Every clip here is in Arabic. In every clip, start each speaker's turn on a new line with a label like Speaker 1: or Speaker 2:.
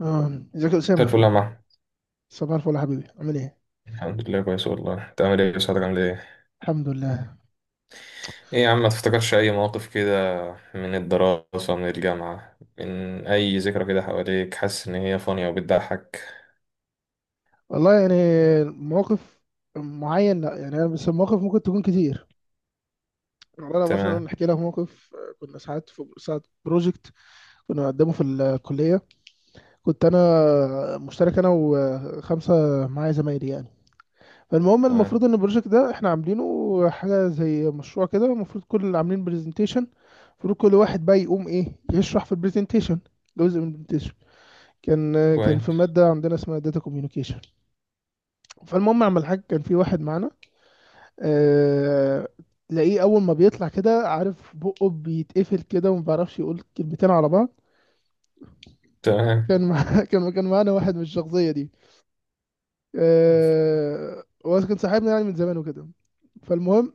Speaker 1: اه، ازيك يا
Speaker 2: مساء الفل
Speaker 1: اسامه؟
Speaker 2: يا محمد.
Speaker 1: صباح الفل يا حبيبي، عامل ايه؟
Speaker 2: الحمد لله كويس والله. انت عامل ايه؟ صحتك عامل ايه؟
Speaker 1: الحمد لله.
Speaker 2: ايه يا عم، ما تفتكرش اي مواقف كده من الدراسة، من الجامعة، من اي ذكرى كده حواليك؟ حاسس ان هي فانية وبتضحك.
Speaker 1: والله يعني موقف معين، لا، يعني انا بس المواقف ممكن تكون كتير. والله انا مثلا
Speaker 2: تمام.
Speaker 1: احكي لك موقف، كنا ساعات في ساعات بروجكت كنا بنقدمه في الكليه. كنت انا مشترك انا وخمسه معايا زمايلي يعني. فالمهم
Speaker 2: تمام.
Speaker 1: المفروض ان البروجكت ده احنا عاملينه حاجه زي مشروع كده، المفروض كل اللي عاملين برزنتيشن المفروض كل واحد بقى يقوم ايه، يشرح في البرزنتيشن جزء من البرزنتيشن. كان في
Speaker 2: كويس.
Speaker 1: مادة عندنا اسمها داتا كوميونيكيشن. فالمهم اعمل حاجة، كان في واحد معانا، آه... تلاقيه اول ما بيطلع كده عارف بقه بيتقفل كده وما بيعرفش يقول كلمتين على بعض.
Speaker 2: تمام.
Speaker 1: كان مع... كان معانا واحد من الشخصية دي. هو كان صاحبنا يعني من زمان وكده. فالمهم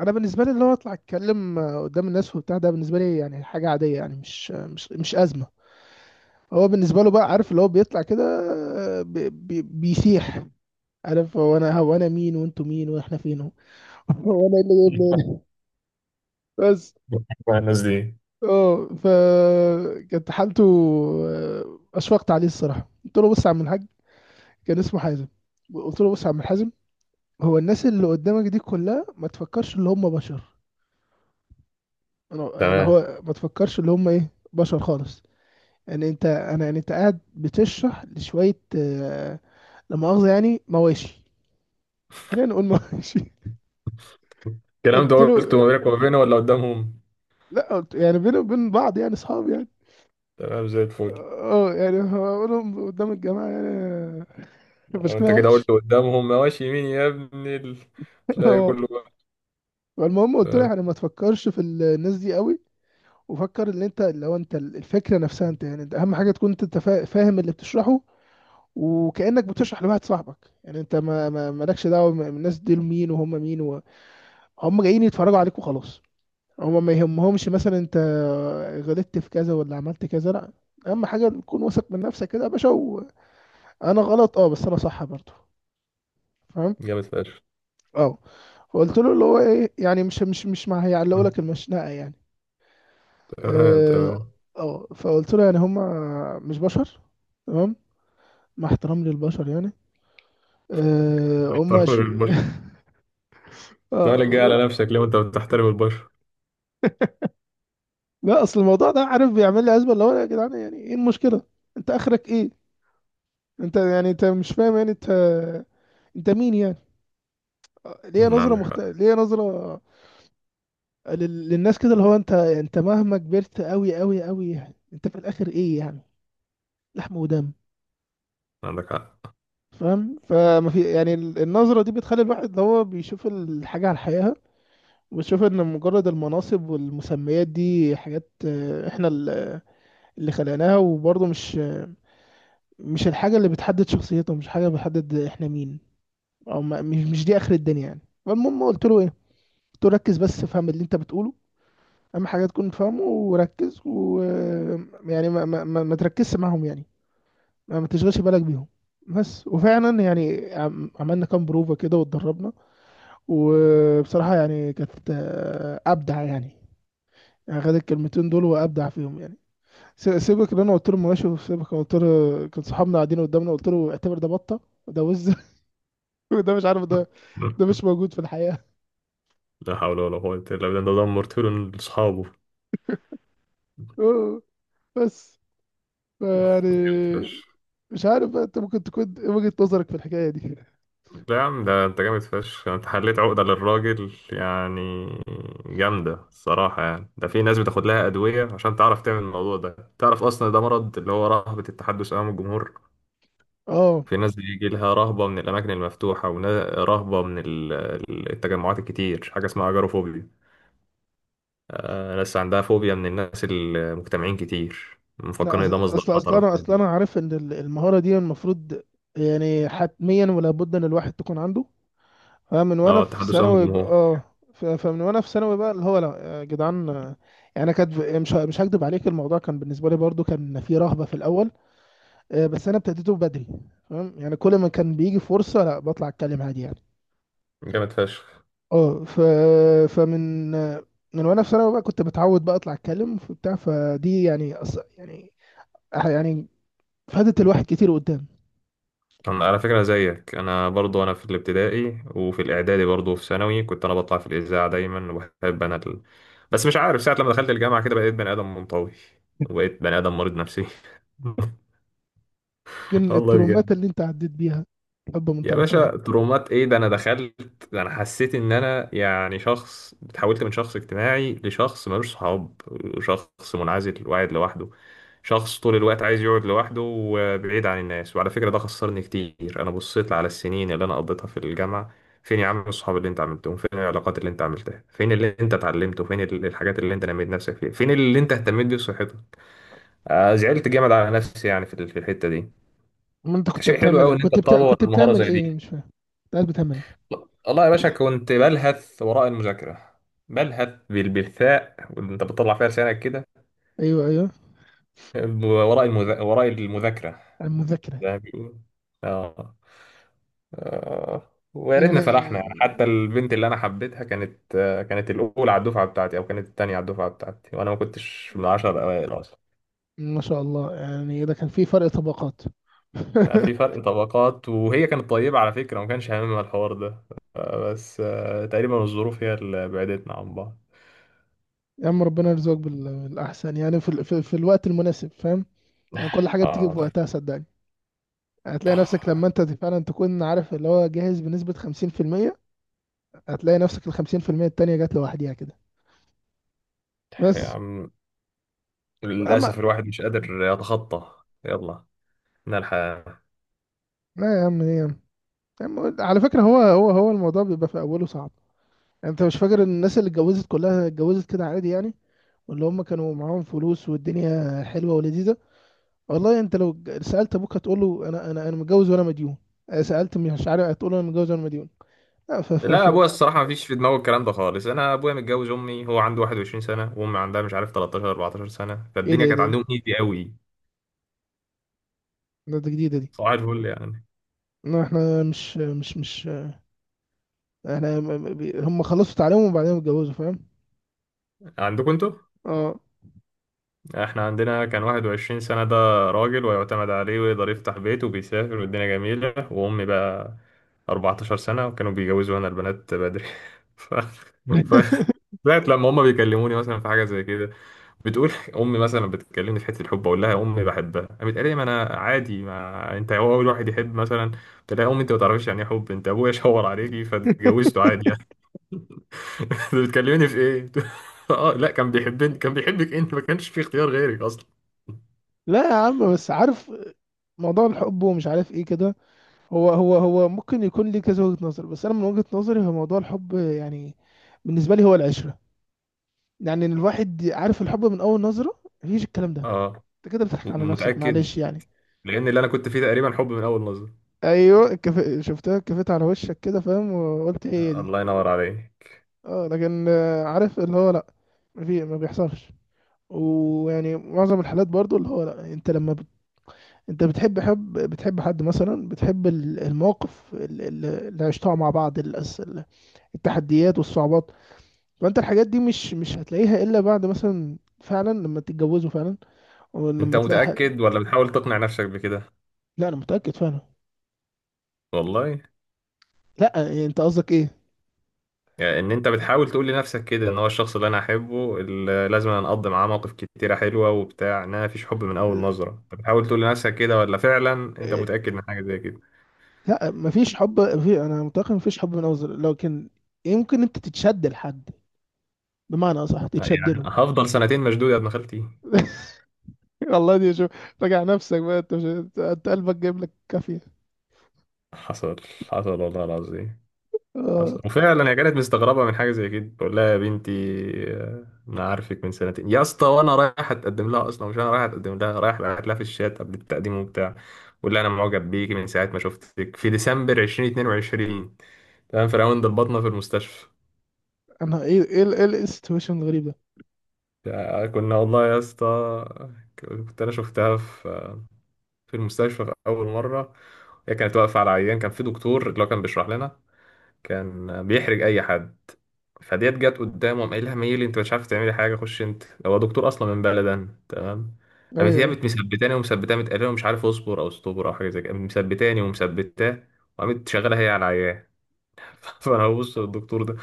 Speaker 1: انا بالنسبه لي، اللي هو اطلع اتكلم قدام الناس وبتاع ده، بالنسبه لي يعني حاجه عاديه، يعني مش ازمه. هو بالنسبه له بقى، عارف اللي هو بيطلع كده، بي بيسيح. عارف هو انا، هو انا مين وانتوا مين واحنا فين، هو هو انا إيه اللي جايبني هنا؟ بس.
Speaker 2: مع الناس دي.
Speaker 1: اه ف كانت حالته، اشفقت عليه الصراحه. قلت له، بص يا عم الحاج، كان اسمه حازم، قلت له بص يا عم الحازم، هو الناس اللي قدامك دي كلها ما تفكرش اللي هم بشر. انا اللي
Speaker 2: تمام.
Speaker 1: هو ما تفكرش اللي هم ايه، بشر خالص. يعني انت انا يعني انت قاعد بتشرح لشويه، لا مؤاخذه يعني، مواشي. خلينا نقول مواشي.
Speaker 2: الكلام ده
Speaker 1: قلت له،
Speaker 2: قلته ما بينك وما بينه ولا قدامهم؟
Speaker 1: لا، قلت يعني بيني وبين بعض يعني، اصحاب يعني.
Speaker 2: تمام زي الفل.
Speaker 1: اه يعني هقولهم قدام الجماعة يعني؟
Speaker 2: لو
Speaker 1: شكلها
Speaker 2: انت كده
Speaker 1: وحش.
Speaker 2: قلت قدامهم ماشي يمين يا ابني تلاقي
Speaker 1: اه،
Speaker 2: كله بقى.
Speaker 1: فالمهم قلت له
Speaker 2: تمام.
Speaker 1: يعني ما تفكرش في الناس دي قوي، وفكر ان انت لو انت الفكرة نفسها، انت يعني انت اهم حاجة تكون انت فاهم اللي بتشرحه. وكأنك بتشرح لواحد صاحبك يعني، انت مالكش دعوة الناس دي مين وهم مين هم جايين يتفرجوا عليك وخلاص. هم ما يهمهمش مثلا انت غلطت في كذا ولا عملت كذا، لا، اهم حاجة تكون واثق من نفسك كده يا باشا. وانا غلط، اه، بس انا صح برضه، فاهم؟
Speaker 2: جامد فشخ.
Speaker 1: اه. فقلت له اللي هو ايه، يعني مش ما هيعلقوا لك المشنقه يعني.
Speaker 2: تمام.
Speaker 1: اه.
Speaker 2: تمام.
Speaker 1: فقلت له يعني، هم مش بشر، تمام، مع احترام للبشر يعني. هم ش...
Speaker 2: لا لا، جاي على
Speaker 1: آه.
Speaker 2: نفسك ليه وانت بتحترم البشر؟
Speaker 1: لا اصل الموضوع ده عارف بيعمل لي ازمه، اللي هو يا جدعان، يعني ايه المشكله، انت اخرك ايه؟ انت يعني، انت مش فاهم يعني انت انت مين يعني؟ ليه نظره
Speaker 2: عندك حق.
Speaker 1: ليه نظره للناس كده، اللي هو انت انت مهما كبرت قوي قوي قوي، يعني انت في الاخر ايه يعني؟ لحم ودم.
Speaker 2: عندك حق.
Speaker 1: فاهم؟ فما في يعني النظرة دي بتخلي الواحد اللي هو بيشوف الحاجة على حقيقها، وبيشوف ان مجرد المناصب والمسميات دي حاجات، احنا اللي خلقناها، وبرضه مش، مش الحاجة اللي بتحدد شخصيته، مش حاجة بتحدد احنا مين، او مش دي اخر الدنيا يعني. فالمهم قلت له ايه، قلت له ركز بس، فهم اللي انت بتقوله، اهم حاجة تكون فاهمه وركز، و يعني ما تركزش معاهم يعني، ما تشغلش بالك بيهم بس. وفعلا يعني، عملنا كام بروفة كده واتدربنا. وبصراحة يعني كانت، أبدع يعني، يعني خد الكلمتين دول وأبدع فيهم يعني. سيبك اللي أنا قلت له، ماشي، وسيبك أنا قلت له، كان صحابنا قاعدين قدامنا، قلت له اعتبر ده بطة، وده وز، وده مش عارف ده، ده
Speaker 2: مم.
Speaker 1: مش موجود في الحياة.
Speaker 2: لا حول ولا قوة إلا بالله، ده دمرت له لأصحابه.
Speaker 1: أوه، بس، يعني
Speaker 2: فشخ.
Speaker 1: مش عارف بقى أنت ممكن تكون إيه وجهة نظرك في الحكاية دي.
Speaker 2: لا يا عم، ده أنت جامد فشخ، أنت حليت عقدة للراجل يعني. جامدة الصراحة يعني. ده في ناس بتاخد لها أدوية عشان تعرف تعمل الموضوع ده، تعرف أصلا ده مرض اللي هو رهبة التحدث أمام الجمهور.
Speaker 1: أه.
Speaker 2: في ناس بيجي لها رهبة من الأماكن المفتوحة ورهبة من التجمعات الكتير، حاجة اسمها أجاروفوبيا. ناس عندها فوبيا من الناس المجتمعين كتير،
Speaker 1: لا،
Speaker 2: مفكرين ان ده
Speaker 1: أص-
Speaker 2: مصدر
Speaker 1: أصل أصل
Speaker 2: خطر
Speaker 1: أنا أصل
Speaker 2: والتهديد.
Speaker 1: أنا عارف إن المهارة دي المفروض، يعني حتميا ولا بد إن الواحد تكون عنده. اه من وانا
Speaker 2: اه،
Speaker 1: في
Speaker 2: التحدث امام
Speaker 1: ثانوي،
Speaker 2: الجمهور.
Speaker 1: فمن وانا في ثانوي بقى اللي هو لا يا جدعان، يعني كانت مش مش هكدب عليك، الموضوع كان بالنسبه لي برضو كان فيه رهبه في الاول، بس انا ابتديته بدري. فاهم؟ يعني كل ما كان بيجي فرصه، لا، بطلع اتكلم عادي يعني.
Speaker 2: جامد فشخ.
Speaker 1: اه ف فمن آه، من وانا في ثانوي بقى كنت متعود بقى اطلع اتكلم وبتاع، فدي يعني يعني يعني فادت الواحد كتير قدام.
Speaker 2: انا على فكره زيك، انا برضو انا في الابتدائي وفي الاعدادي، برضو في ثانوي كنت انا بطلع في الاذاعه دايما وبحب انا بس مش عارف ساعه لما دخلت الجامعه كده بقيت بني ادم منطوي، وبقيت بني ادم مريض نفسي.
Speaker 1: يمكن
Speaker 2: والله
Speaker 1: الترومات
Speaker 2: بجد.
Speaker 1: اللي انت عديت بيها، حب من
Speaker 2: يا
Speaker 1: طرف.
Speaker 2: باشا ترومات ايه؟ ده انا دخلت، ده انا حسيت ان انا يعني شخص اتحولت من شخص اجتماعي لشخص ملوش صحاب، شخص منعزل وقاعد لوحده، شخص طول الوقت عايز يقعد لوحده وبعيد عن الناس. وعلى فكرة ده خسرني كتير. انا بصيت على السنين اللي انا قضيتها في الجامعة، فين يا عم الصحاب اللي انت عملتهم؟ فين العلاقات اللي انت عملتها؟ فين اللي انت اتعلمته؟ فين الحاجات اللي انت نميت نفسك فيها؟ فين اللي انت اهتميت بيه بصحتك؟ زعلت جامد على نفسي يعني في في الحتة دي.
Speaker 1: ما انت كنت
Speaker 2: شيء حلو
Speaker 1: بتعمل إيه؟
Speaker 2: قوي ان انت تطور
Speaker 1: كنت
Speaker 2: مهارة
Speaker 1: بتعمل
Speaker 2: زي دي.
Speaker 1: ايه مش فاهم، انت قاعد بتعمل ايه؟
Speaker 2: والله يا باشا كنت بلهث وراء المذاكرة، بلهث بالثاء وانت بتطلع فيها لسانك كده،
Speaker 1: ايوه، ايوه،
Speaker 2: وراء المذاكرة،
Speaker 1: المذاكره.
Speaker 2: زي ما بيقولوا. اه. ويا
Speaker 1: يعني
Speaker 2: ريتنا فرحنا يعني. حتى البنت اللي انا حبيتها كانت، كانت الاولى على الدفعه بتاعتي، او كانت الثانيه على الدفعه بتاعتي، وانا ما كنتش من العشر الاوائل اصلا.
Speaker 1: ما شاء الله، يعني ده كان في فرق طبقات.
Speaker 2: في فرق طبقات، وهي كانت طيبه على فكره وما كانش هاممها الحوار ده. آه، بس آه، تقريبا الظروف هي اللي بعدتنا عن بعض.
Speaker 1: يا عم ربنا يرزقك بالاحسن يعني، في الوقت المناسب، فاهم؟ يعني كل حاجه بتيجي في
Speaker 2: آه.
Speaker 1: وقتها صدقني. هتلاقي نفسك لما انت فعلا تكون عارف اللي هو جاهز بنسبه 50%، هتلاقي نفسك ال 50% التانيه جات لوحديها كده
Speaker 2: يا
Speaker 1: بس.
Speaker 2: عم،
Speaker 1: اما،
Speaker 2: للأسف الواحد مش قادر يتخطى. يلا نلحق.
Speaker 1: لا يا عم، ايه يا عم؟ يا عم، على فكره، هو الموضوع بيبقى في اوله صعب. انت مش فاكر ان الناس اللي اتجوزت كلها اتجوزت كده عادي يعني، واللي هم كانوا معاهم فلوس والدنيا حلوه ولذيذه. والله انت لو سالت ابوك هتقول له انا متجوز وانا مديون، اه، سالت مش عارف هتقول له انا متجوز وانا مديون. لا ف ف
Speaker 2: لا،
Speaker 1: ف
Speaker 2: أبويا الصراحة مفيش في دماغه الكلام ده خالص. أنا أبويا متجوز أمي هو عنده 21 سنة، وأمي عندها مش عارف 13 14 سنة،
Speaker 1: ايه ده،
Speaker 2: فالدنيا
Speaker 1: ايه
Speaker 2: كانت
Speaker 1: ده، ايه ده؟
Speaker 2: عندهم إيزي قوي.
Speaker 1: ده جديده دي.
Speaker 2: صباح الفل يعني.
Speaker 1: لا احنا مش احنا هم خلصوا تعليمهم وبعدين اتجوزوا، فاهم؟
Speaker 2: عندكم أنتوا؟
Speaker 1: اه.
Speaker 2: إحنا عندنا كان 21 سنة ده راجل، ويعتمد عليه ويقدر يفتح بيت وبيسافر والدنيا جميلة. وأمي بقى 14 سنة، وكانوا بيجوزوا هنا البنات بدري. ف... ف... لغاية لما هما بيكلموني مثلا في حاجة زي كده، بتقول. امي مثلا بتكلمني في حته الحب، اقول لها يا امي بحبها، قامت قالت لي ما انا عادي، ما انت هو اول واحد يحب مثلا. قلت لها يا امي انت ما تعرفيش يعني ايه حب، انت ابويا شاور عليكي فاتجوزته عادي يعني. انت بتكلمني في ايه؟ اه لا، كان بيحبني. كان بيحبك، انت ما كانش في اختيار غيرك اصلا.
Speaker 1: لا يا عم، بس عارف موضوع الحب ومش عارف ايه كده، هو ممكن يكون ليه كذا وجهة نظر، بس انا من وجهة نظري هو موضوع الحب يعني، بالنسبة لي هو العشرة. يعني إن الواحد عارف الحب من اول نظرة، مفيش الكلام ده،
Speaker 2: اه،
Speaker 1: انت كده بتضحك على نفسك،
Speaker 2: متاكد؟
Speaker 1: معلش يعني.
Speaker 2: لان اللي انا كنت فيه تقريبا حب من اول نظره.
Speaker 1: ايوه، شفتها كفيت على وشك كده فاهم وقلت هي دي.
Speaker 2: الله ينور عليك.
Speaker 1: اه لكن، عارف اللي هو لا، ما بيحصلش. ويعني معظم الحالات برضو اللي هو لا، انت انت بتحب حب، بتحب حد مثلا، بتحب المواقف اللي عشتها مع بعض، التحديات والصعوبات. فانت الحاجات دي مش هتلاقيها الا بعد مثلا فعلا لما تتجوزوا فعلا، او
Speaker 2: انت
Speaker 1: لما تلاقي
Speaker 2: متاكد ولا بتحاول تقنع نفسك بكده؟
Speaker 1: لا انا متاكد فعلا.
Speaker 2: والله.
Speaker 1: لا يعني انت قصدك ايه؟
Speaker 2: يعني ان انت بتحاول تقول لنفسك كده ان هو الشخص اللي انا احبه اللي لازم انا اقضي معاه مواقف كتيره حلوه وبتاع، ان انا مفيش حب من اول نظره، بتحاول تقول لنفسك كده ولا فعلا انت
Speaker 1: إيه،
Speaker 2: متاكد من حاجه زي كده؟
Speaker 1: لا مفيش حب، في، انا متاكد مفيش حب من اول لكن يمكن انت تتشد لحد، بمعنى اصح
Speaker 2: لا،
Speaker 1: تتشد
Speaker 2: يعني
Speaker 1: له.
Speaker 2: هفضل سنتين مشدود يا ابن خالتي؟
Speaker 1: والله دي شوف، راجع نفسك بقى، انت مش انت أنت قلبك جايب لك كافيه.
Speaker 2: حصل. حصل والله العظيم. حصل،
Speaker 1: اه.
Speaker 2: وفعلا هي كانت مستغربه من حاجه زي كده. بقول لها يا بنتي، انا عارفك من سنتين يا اسطى، وانا رايح اتقدم لها اصلا. مش انا رايح اتقدم لها، رايح بعت لها في الشات قبل التقديم وبتاع. بقول لها انا معجب بيكي من ساعه ما شفتك في ديسمبر 2022. تمام، في راوند البطنه في المستشفى.
Speaker 1: انا ايه، ايه ايه السيتويشن الغريب ده؟
Speaker 2: كنا والله يا اسطى، كنت انا شفتها في المستشفى في اول مره. هي كانت واقفه على عيان كان في دكتور اللي هو كان بيشرح لنا، كان بيحرج اي حد. فديت جت قدامه، قام قايلها ميلي، انت مش عارف تعملي حاجه، خش انت. هو دكتور اصلا من بلدن. تمام.
Speaker 1: ايوه،
Speaker 2: قامت هي
Speaker 1: أيوة.
Speaker 2: قامت مثبتاني ومثبتاني متقلقه ومش عارف اصبر او استبر او حاجه زي كده. قامت مثبتاني ومثبتاه، وقامت شغاله هي على العيان. فانا ببص للدكتور ده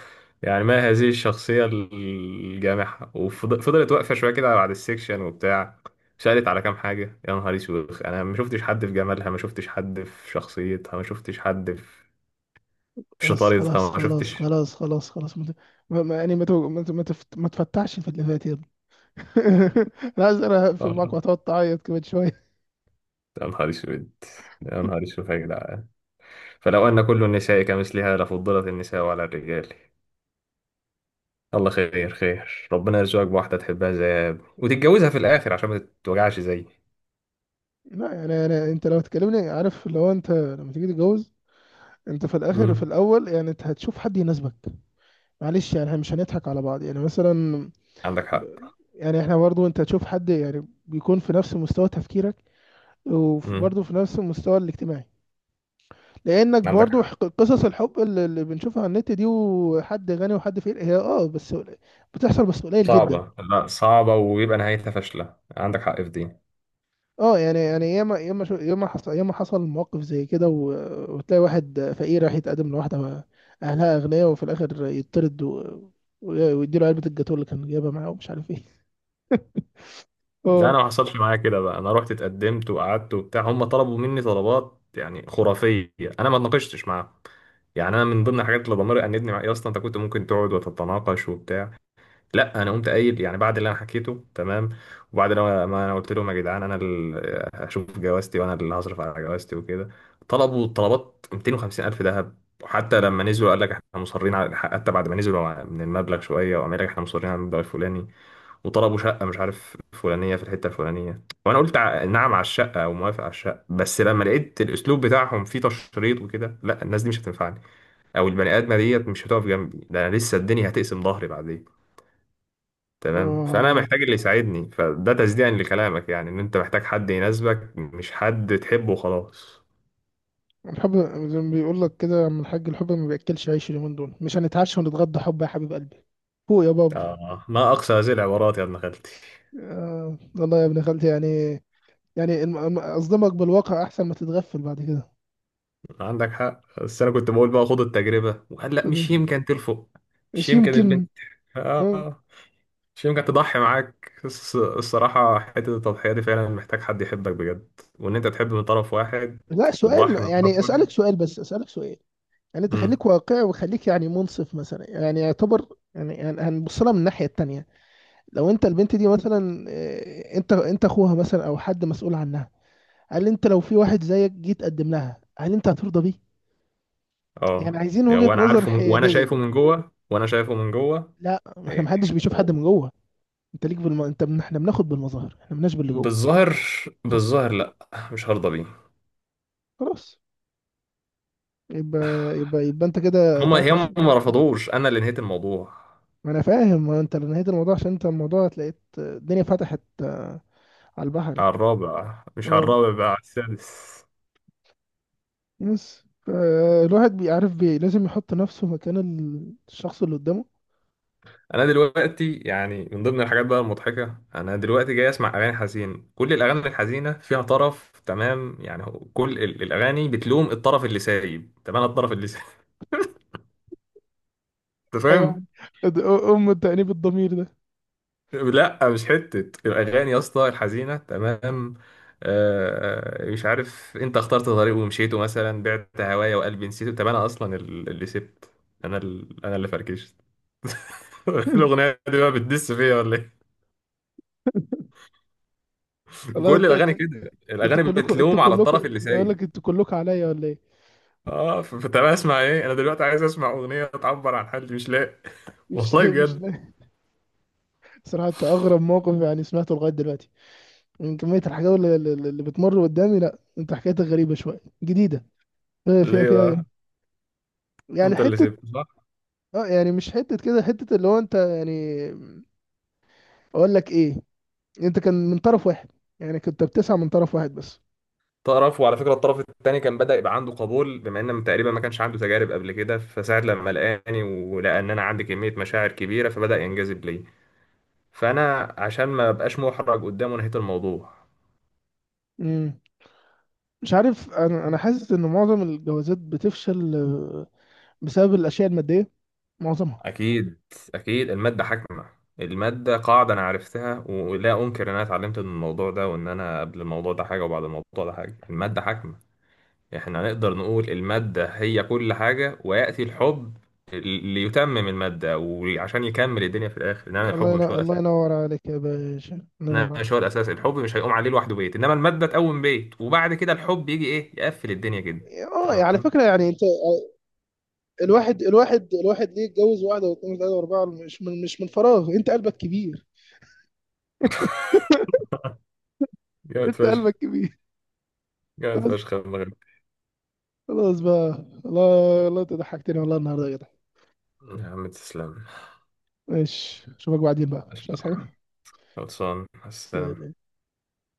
Speaker 2: يعني، ما هذه الشخصيه الجامحه! وفضلت واقفه شويه كده بعد السكشن وبتاع. سألت على كام حاجة، يا نهار اسود، انا ما شفتش حد في جمالها، ما شفتش حد في شخصيتها، ما شفتش حد في
Speaker 1: بس، خلاص
Speaker 2: شطارتها، ما
Speaker 1: خلاص
Speaker 2: شفتش.
Speaker 1: خلاص خلاص خلاص، ما ت- ما- ما- يعني ما تو- ما ت- ما تفت- ما تفتحش في اللي فات. انا عايز، انا هقفل معاك
Speaker 2: اه.
Speaker 1: وهتقعد تعيط كمان شويه.
Speaker 2: يا نهار اسود، يا نهار اسود يا جدعان، فلو ان كل النساء كمثلها لفضلت النساء على الرجال. الله خير خير، ربنا يرزقك بواحده تحبها زي يا ابني وتتجوزها في الاخر عشان ما تتوجعش زيي.
Speaker 1: لا يعني انا، انت لو تكلمني، عارف لو انت لما تيجي تتجوز، انت في الاخر في
Speaker 2: امم.
Speaker 1: الاول يعني انت هتشوف حد يناسبك، معلش يعني احنا مش هنضحك على بعض يعني، مثلا
Speaker 2: عندك حق.
Speaker 1: يعني احنا برضو انت تشوف حد يعني بيكون في نفس مستوى تفكيرك،
Speaker 2: امم.
Speaker 1: وبرضو في نفس المستوى الاجتماعي. لانك
Speaker 2: عندك
Speaker 1: برضو،
Speaker 2: حق.
Speaker 1: قصص الحب اللي بنشوفها على النت دي، وحد غني وحد فقير، هي اه بس بتحصل، بس قليل جدا.
Speaker 2: صعبه، لا صعبه ويبقى نهايتها فاشله، عندك حق في دي.
Speaker 1: اه يعني، ياما ياما شو، ياما حصل مواقف زي كده، وتلاقي واحد فقير راح يتقدم لواحدة أهلها أغنياء، وفي الآخر يطرد ويديله علبة الجاتوه اللي كان جايبها معاه ومش عارف ايه.
Speaker 2: لا،
Speaker 1: اه.
Speaker 2: انا ما حصلش معايا كده بقى. انا رحت اتقدمت وقعدت وبتاع، هم طلبوا مني طلبات يعني خرافيه. انا ما اتناقشتش معاهم يعني. انا من ضمن الحاجات اللي ضميري انبني مع، يا اسطى انت كنت ممكن تقعد وتتناقش وبتاع، لا انا قمت قايل يعني بعد اللي انا حكيته. تمام. وبعد ما انا قلت لهم يا جدعان انا اللي هشوف جوازتي وانا اللي هصرف على جوازتي وكده، طلبوا طلبات 250 الف ذهب. وحتى لما نزلوا قال لك احنا مصرين على، حتى بعد ما نزلوا من المبلغ شويه وقام قال لك احنا مصرين على المبلغ الفلاني. وطلبوا شقه مش عارف فلانيه في الحته الفلانيه، وانا قلت نعم على الشقه وموافق على الشقه. بس لما لقيت الاسلوب بتاعهم فيه تشريط وكده، لا، الناس دي مش هتنفعني، او البني ادمه ديت مش هتقف جنبي، ده انا لسه الدنيا هتقسم ظهري بعدين. تمام. فانا
Speaker 1: اه،
Speaker 2: محتاج اللي يساعدني، فده تصديقا لكلامك يعني ان انت محتاج حد يناسبك، مش حد تحبه وخلاص.
Speaker 1: الحب زي ما بيقول لك كده يا عم الحاج، الحب ما بياكلش عيش. اليومين دول مش هنتعشى ونتغدى حب يا حبيب قلبي، فوق يا بابا.
Speaker 2: آه ما اقصى هذه العبارات يا ابن خالتي.
Speaker 1: والله يا ابن خالتي، يعني يعني اصدمك بالواقع احسن ما تتغفل بعد كده.
Speaker 2: عندك حق. بس انا كنت بقول بقى خد التجربة، وقال لا
Speaker 1: خد،
Speaker 2: مش يمكن تلفق، مش
Speaker 1: مش
Speaker 2: يمكن البنت،
Speaker 1: يمكن. اه،
Speaker 2: آه، مش يمكن تضحي معاك. الصراحة حتة التضحية دي فعلا محتاج حد يحبك بجد، وان انت تحب من طرف واحد
Speaker 1: لا سؤال،
Speaker 2: وتضحي من
Speaker 1: يعني
Speaker 2: طرف
Speaker 1: اسالك
Speaker 2: واحد.
Speaker 1: سؤال، بس اسالك سؤال. يعني انت
Speaker 2: امم.
Speaker 1: خليك واقعي وخليك يعني منصف، مثلا يعني يعتبر يعني، يعني هنبص لها من الناحيه التانيه. لو انت البنت دي مثلا، انت انت اخوها مثلا او حد مسؤول عنها، هل انت لو في واحد زيك جيت تقدم لها هل انت هترضى بيه؟ يعني
Speaker 2: اه
Speaker 1: عايزين
Speaker 2: يعني
Speaker 1: وجهه
Speaker 2: وانا
Speaker 1: نظر
Speaker 2: عارفه وانا
Speaker 1: حياديه.
Speaker 2: شايفه من جوه، وانا شايفه من جوه.
Speaker 1: لا ما احنا محدش بيشوف حد من جوه، انت ليك انت احنا بناخد بالمظاهر، احنا مالناش باللي جوه.
Speaker 2: بالظاهر. بالظاهر لا، مش هرضى بيه.
Speaker 1: خلاص. يبقى، يبقى انت كده
Speaker 2: هما
Speaker 1: بتاعتك.
Speaker 2: هم ما رفضوش، انا اللي نهيت الموضوع.
Speaker 1: ما انا فاهم، ما انت اللي نهيت الموضوع عشان انت الموضوع تلاقيت الدنيا فتحت، على البحري.
Speaker 2: على الرابع، مش على
Speaker 1: اه
Speaker 2: الرابع بقى، على السادس.
Speaker 1: بس، الواحد بيعرف لازم يحط نفسه مكان الشخص اللي قدامه.
Speaker 2: انا دلوقتي يعني من ضمن الحاجات بقى المضحكه، انا دلوقتي جاي اسمع اغاني حزين. كل الاغاني الحزينه فيها طرف، تمام يعني، كل الاغاني بتلوم الطرف اللي سايب، تمام. الطرف اللي سايب. انت
Speaker 1: ايوه،
Speaker 2: فاهم.
Speaker 1: أد- ام التأنيب الضمير ده.
Speaker 2: لا مش حتة الأغاني يا اسطى الحزينة. تمام. مش عارف، أنت اخترت طريق ومشيته مثلا، بعت هوايا وقلبي نسيته. طب أنا أصلا اللي سبت. أنا اللي فركشت. الأغنية دي بقى بتدس فيا ولا إيه؟
Speaker 1: والله
Speaker 2: كل
Speaker 1: انتوا
Speaker 2: الأغاني
Speaker 1: انتوا
Speaker 2: كده،
Speaker 1: انتوا
Speaker 2: الأغاني
Speaker 1: كلكم،
Speaker 2: بتلوم على الطرف اللي
Speaker 1: بقول
Speaker 2: سايب.
Speaker 1: لك انتوا كلكم عليا ولا ايه؟
Speaker 2: اه، فطب اسمع ايه؟ انا دلوقتي عايز اسمع اغنيه تعبر عن حالي مش لاقي.
Speaker 1: مش
Speaker 2: والله
Speaker 1: مش،
Speaker 2: بجد.
Speaker 1: صراحة انت اغرب موقف يعني سمعته لغاية دلوقتي، من كمية الحاجات اللي بتمر قدامي، لا انت حكايتك غريبة شوية جديدة
Speaker 2: ليه
Speaker 1: فيها
Speaker 2: بقى؟
Speaker 1: يعني
Speaker 2: انت اللي
Speaker 1: حتة.
Speaker 2: سبت.
Speaker 1: اه يعني مش حتة كده، حتة اللي هو انت يعني، اقول لك ايه، انت كان من طرف واحد، يعني كنت بتسعى من طرف واحد بس.
Speaker 2: طرف، وعلى فكره الطرف الثاني كان بدأ يبقى عنده قبول، بما ان تقريبا ما كانش عنده تجارب قبل كده، فساعة لما لقاني ولقى ان انا عندي كميه مشاعر كبيره فبدأ ينجذب لي. فانا عشان ما ابقاش محرج قدامه نهيت الموضوع.
Speaker 1: امم. مش عارف، انا حاسس ان معظم الجوازات بتفشل، بسبب الاشياء المادية، معظمها.
Speaker 2: اكيد. اكيد الماده حاكمه. الماده قاعده انا عرفتها، ولا انكر ان انا اتعلمت من الموضوع ده، وان انا قبل الموضوع ده حاجه وبعد الموضوع ده حاجه. الماده حاكمه. احنا نقدر نقول الماده هي كل حاجه، ويأتي الحب ليتمم المادة وعشان يكمل الدنيا في الآخر، إنما الحب
Speaker 1: الله
Speaker 2: مش هو
Speaker 1: ينور، الله
Speaker 2: الأساس.
Speaker 1: ينور عليك يا باشا، الله ينور عليك.
Speaker 2: ماشي هو الاساس، الحب مش هيقوم عليه لوحده بيت، انما الماده تقوم بيت وبعد كده الحب يجي ايه يقفل الدنيا كده.
Speaker 1: اه، على
Speaker 2: تمام.
Speaker 1: فكرة يعني انت، الواحد ليه يتجوز واحدة واثنين وثلاثة وأربعة؟ مش من فراغ، انت قلبك كبير،
Speaker 2: جامد
Speaker 1: انت
Speaker 2: فشخ.
Speaker 1: قلبك كبير.
Speaker 2: جامد
Speaker 1: بس،
Speaker 2: فشخ يا ابن غالي.
Speaker 1: خلاص بقى. الله الله، انت ضحكتني والله النهارده يا جدع.
Speaker 2: يا عم تسلم.
Speaker 1: ماشي اشوفك بعدين بقى،
Speaker 2: ما
Speaker 1: مش
Speaker 2: شاء
Speaker 1: عايز
Speaker 2: الله.
Speaker 1: حاجة.
Speaker 2: خلصان السلام.